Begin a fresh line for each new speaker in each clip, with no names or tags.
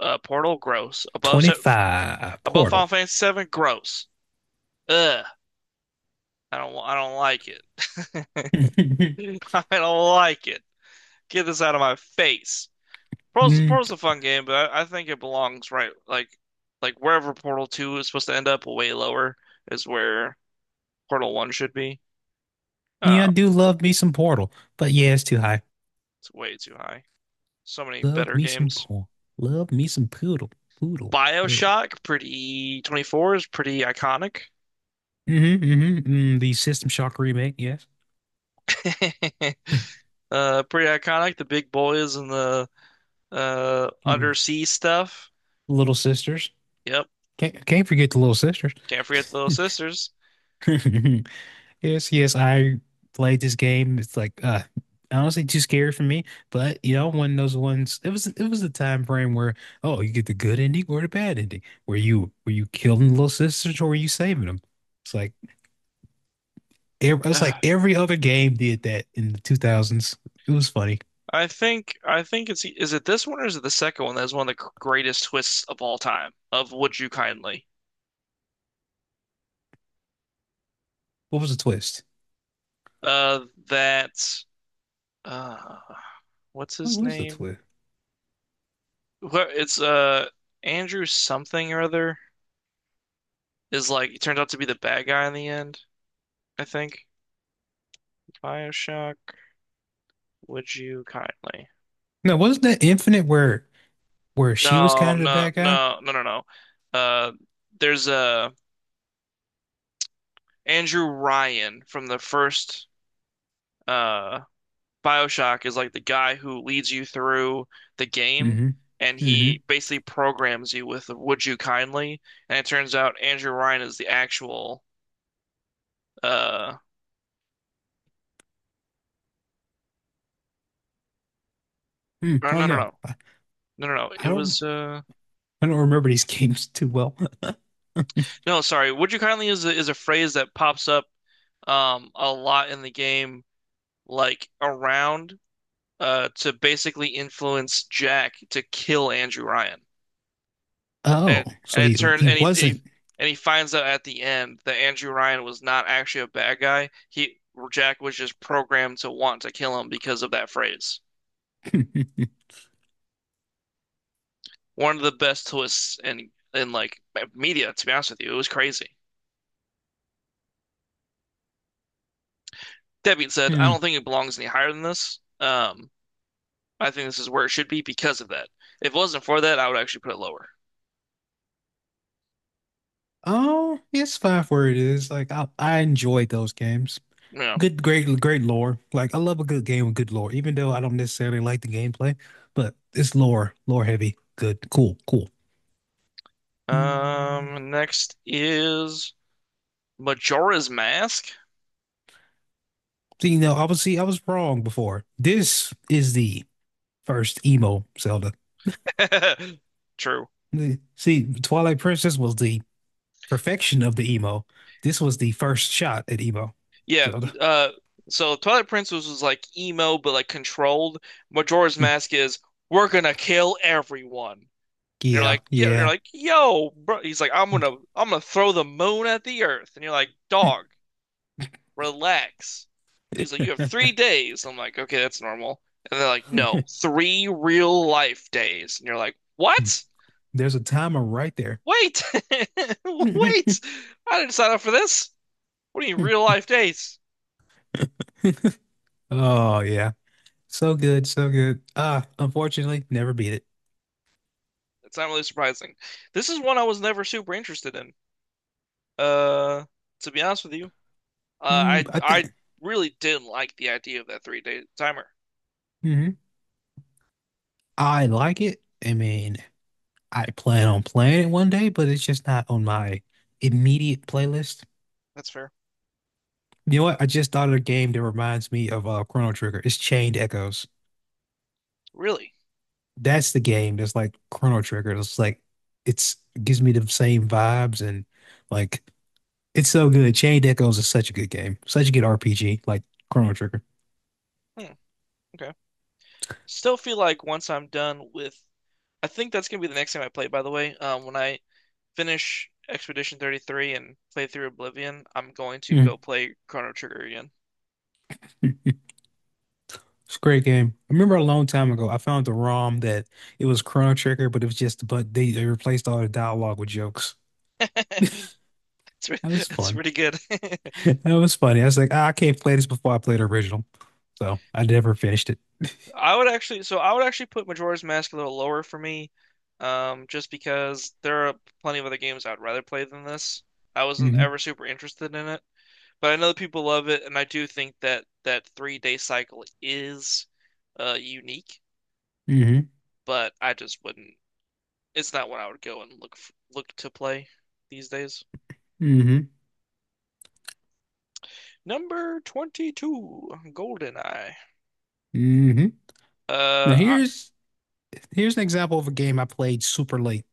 Portal, gross. Above
25
above Final
Portal.
Fantasy seven, gross. Ugh, I don't like it. I don't like it. Get this out of my face. Portal's
Mm,
Portal's a fun game, but I think it belongs right like wherever Portal Two is supposed to end up, way lower is where Portal One should be.
yeah,
Uh,
I do love me some Portal, but yeah, it's too high.
it's way too high. So many
Love
better
me some
games.
Portal. Love me some Poodle. Poodle. Poodle.
BioShock, pretty 24 is pretty iconic.
Mm-hmm, mm-hmm, mm, the System Shock remake, yes.
Pretty iconic. The big boys and the
Mm,
undersea stuff.
Little Sisters.
Yep,
Can't forget the Little Sisters.
can't forget the Little Sisters.
Yes, yes, I played this game. It's like honestly too scary for me, but you know, one of those ones it was a time frame where oh you get the good ending or the bad ending. Were you killing the little sisters or were you saving them? It's like it's
Uh,
like every other game did that in the 2000s. It was funny.
I think it's Is it this one or is it the second one that is one of the greatest twists of all time of Would You Kindly?
What was the twist?
That uh, what's
What
his
was the
name?
twist?
Wh- It's Andrew something or other is like he turns out to be the bad guy in the end. I think BioShock. Would You Kindly?
No, wasn't that Infinite where she was
No,
kind of the
no,
bad guy?
no, no, no, no. Uh, there's a Andrew Ryan from the first uh BioShock, is like the guy who leads you through the game,
Mm-hmm.
and
Mm-hmm.
he basically programs you with Would You Kindly, and it turns out Andrew Ryan is the actual uh
Mm,
or
I
no
don't
no
know.
no
I,
no no no it
I don't
was
I don't remember these games too well.
no, sorry, Would You Kindly is a phrase that pops up a lot in the game, like, around, to basically influence Jack to kill Andrew Ryan. And,
Oh, so
and it turns
he
and he, and he
wasn't.
and he finds out at the end that Andrew Ryan was not actually a bad guy. He Jack was just programmed to want to kill him because of that phrase. One of the best twists in like media, to be honest with you. It was crazy. That being said, I
Hmm.
don't think it belongs any higher than this. I think this is where it should be because of that. If it wasn't for that, I would actually put it lower.
Oh, it's fine for it is. Like I enjoyed those games.
Yeah.
Good, great, great lore. Like I love a good game with good lore, even though I don't necessarily like the gameplay, but it's lore, lore heavy. Good, cool, cool. Mm.
Next is Majora's Mask.
So you know, obviously I was wrong before. This is the first emo Zelda.
True.
Mm. See, Twilight Princess was the perfection of the emo. This was the first shot at emo
Yeah,
Zelda.
uh, so Twilight Princess was like emo, but like controlled. Majora's
Hmm.
Mask is, we're gonna kill everyone. And
Yeah,
you're
yeah.
like, yo, bro. He's like, I'm gonna throw the moon at the earth. And you're like, dog, relax. He's like, you have 3 days. I'm like, okay, that's normal. And they're like, no, three real life days. And you're like, what?
There's a timer right there.
Wait, wait, I didn't sign up for this. What do you mean real life days?
Oh yeah. So good, so good. Ah, unfortunately, never beat it.
It's not really surprising. This is one I was never super interested in. Uh, to be honest with you,
Mm,
I
I
I
think
really didn't like the idea of that 3 day timer.
mhm. I like it. I mean, I plan on playing it one day, but it's just not on my immediate playlist.
That's fair.
You know what? I just thought of a game that reminds me of Chrono Trigger. It's Chained Echoes.
Really?
That's the game that's like Chrono Trigger. It's like it's gives me the same vibes and like it's so good. Chained Echoes is such a good game. Such a good RPG, like Chrono Trigger.
Hmm, okay. Still feel like once I'm done with, I think that's gonna be the next time I play, by the way. When I finish Expedition 33 and play through Oblivion, I'm going to go
Mm,
play Chrono Trigger again.
it's a great game. I remember a long time ago, I found the ROM that it was Chrono Trigger, but it was just, but they replaced all the dialogue with jokes.
It's, re-
That was
it's
fun.
really good.
That was funny. I was like, "Ah, I can't play this before I play the original." So I never finished it.
I would actually put Majora's Mask a little lower for me, just because there are plenty of other games I'd rather play than this. I wasn't
Hmm.
ever super interested in it, but I know that people love it, and I do think that that 3 day cycle is unique.
Hmm.
But I just wouldn't. It's not what I would go and look to play these days.
Hmm.
Number 22, GoldenEye.
Hmm. Now
Uh,
here's an example of a game I played super late.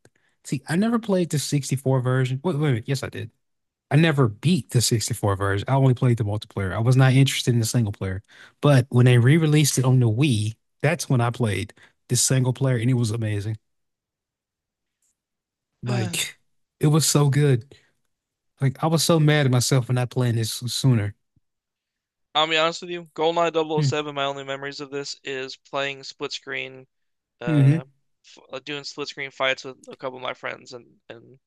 See, I never played the 64 version. Wait, wait, wait. Yes, I did. I never beat the 64 version. I only played the multiplayer. I was not interested in the single player. But when they re-released it on the Wii, that's when I played the single player and it was amazing.
I,
Like it was so good. Like I was so mad at myself for not playing this sooner.
I'll be honest with you, GoldenEye double oh
Hmm.
007, my only memories of this is playing split screen,
Mm-hmm.
uh, f doing split screen fights with a couple of my friends and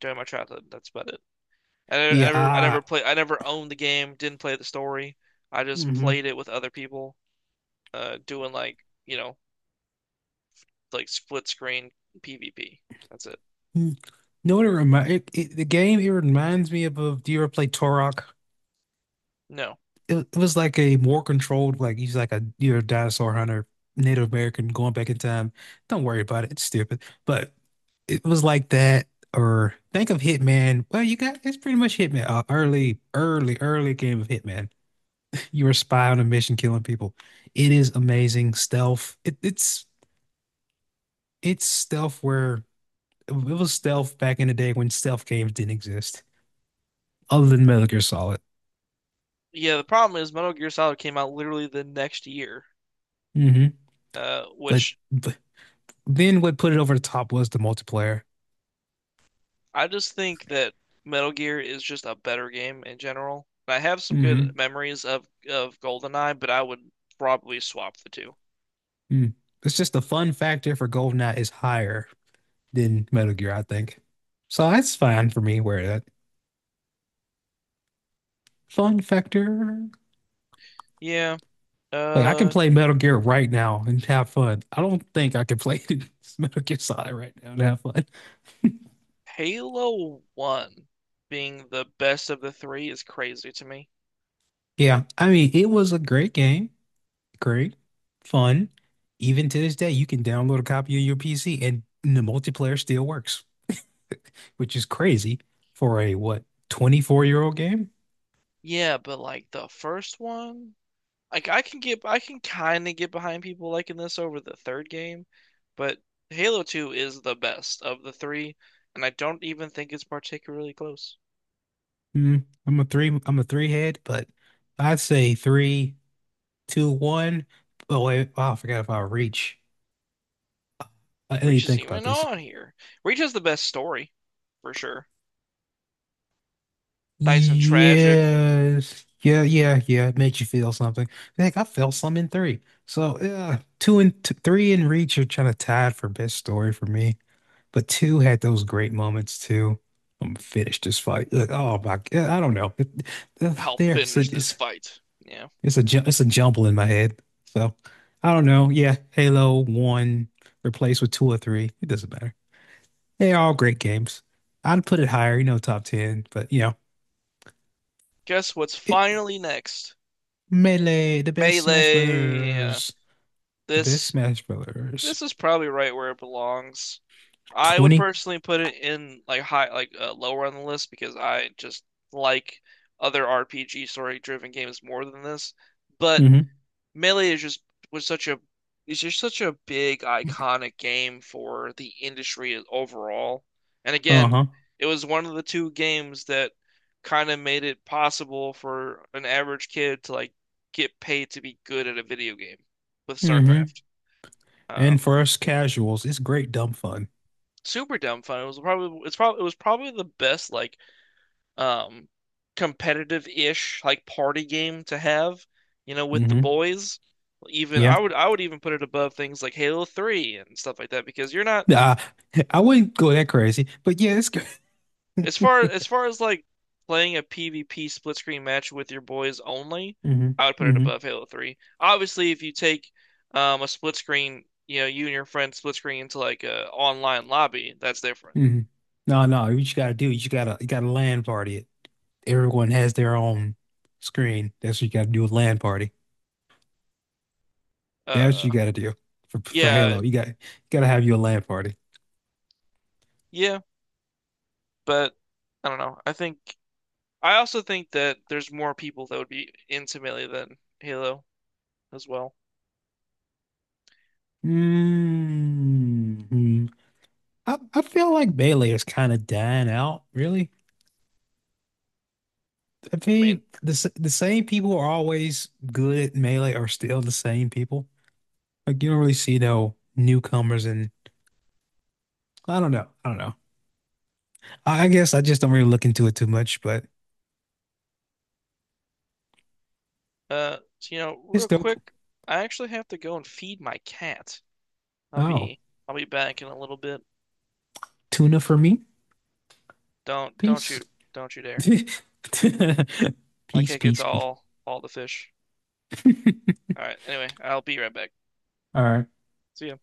during my childhood. That's about it.
Yeah, I
I never owned the game, didn't play the story. I just
mm-hmm.
played it with other people, doing like, you know, like split screen PvP. That's it.
You know what it reminds the game it reminds me of do you ever play Torok?
No.
It was like a more controlled, like he's like a you're a dinosaur hunter, Native American going back in time. Don't worry about it. It's stupid. But it was like that, or think of Hitman. Well, you got it's pretty much Hitman, early, early, early game of Hitman. You're a spy on a mission killing people. It is amazing stealth. It's it's stealth where it was stealth back in the day when stealth games didn't exist, other than Metal Gear Solid.
Yeah, the problem is Metal Gear Solid came out literally the next year,
Hmm.
which
But then what put it over the top was the multiplayer.
I just think that Metal Gear is just a better game in general. I have some good
Hmm.
memories of GoldenEye, but I would probably swap the two.
Mm. It's just the fun factor for GoldenEye is higher than Metal Gear, I think. So that's fine for me where that fun factor.
Yeah,
Like I can
uh,
play Metal Gear right now and have fun. I don't think I can play Metal Gear Solid right now and have fun.
Halo 1 being the best of the three is crazy to me.
Yeah, I mean it was a great game, great, fun. Even to this day, you can download a copy on your PC and the multiplayer still works, which is crazy for a what, 24-year-old year old game?
Yeah, but like the first one, like I can kind of get behind people liking this over the third game, but Halo 2 is the best of the three, and I don't even think it's particularly close.
Mm, I'm a three. I'm a three head, but I'd say three, two, one. Oh wait, oh, I forgot about reach. I didn't
Reach
even
isn't
think about
even
this.
on here. Reach has the best story, for sure. Nice and tragic.
Yes, yeah, yeah, yeah. It makes you feel something. Like I felt some in three. So yeah, two and t three and reach are kind of tied for best story for me. But two had those great moments too. I'm finished this fight. Like, oh my, I don't know.
I'll finish this fight. Yeah.
It's a it's a jumble in my head. So I don't know. Yeah, Halo 1 replaced with 2 or 3. It doesn't matter. They're all great games. I'd put it higher, you know, top 10, but you know,
Guess what's
it,
finally next?
Melee, the best Smash
Melee. Yeah.
Brothers, the best
This
Smash Brothers.
this is probably right where it belongs. I would
20.
personally put it in like lower on the list because I just like other RPG story-driven games more than this. But
Mm-hmm.
Melee was such a is just such a big iconic game for the industry overall. And again,
Uh-huh.
it was one of the two games that kind of made it possible for an average kid to like get paid to be good at a video game with
Mm-hmm.
StarCraft.
And
Um,
for us casuals, it's great dumb fun.
Super dumb fun. It was probably the best um competitive-ish like party game to have with the
Mm-hmm.
boys. Even
Yeah.
I would even put it above things like Halo 3 and stuff like that because you're not
Uh, I wouldn't go that crazy, but yeah, it's good.
as far as like playing a PvP split screen match with your boys only,
Mm-hmm.
I would put it
Mm-hmm.
above Halo 3. Obviously, if you take a split screen, you and your friend split screen into like a online lobby, that's different.
Mm-hmm. No, no, you just gotta do it. You just gotta you gotta land party it. Everyone has their own screen. That's what you got to do with LAN party. That's what
Uh
you got to do for
yeah,
Halo. You got to have your LAN party.
yeah, but I don't know. I also think that there's more people that would be into Melee than Halo as well.
Hmm. I feel like Melee is kind of dying out, really. I
I mean,
mean, the same people are always good at Melee are still the same people. Like you don't really see no newcomers, and I don't know. I don't know. I guess I just don't really look into it too much, but
so,
it's
real
dope.
quick, I actually have to go and feed my cat. I'll
Oh,
be I'll be back in a little bit.
tuna for me.
Don't don't
Peace.
you don't you dare. My
Peace,
cat gets
peace, peace.
all the fish. All right. Anyway, I'll be right back.
All right.
See ya.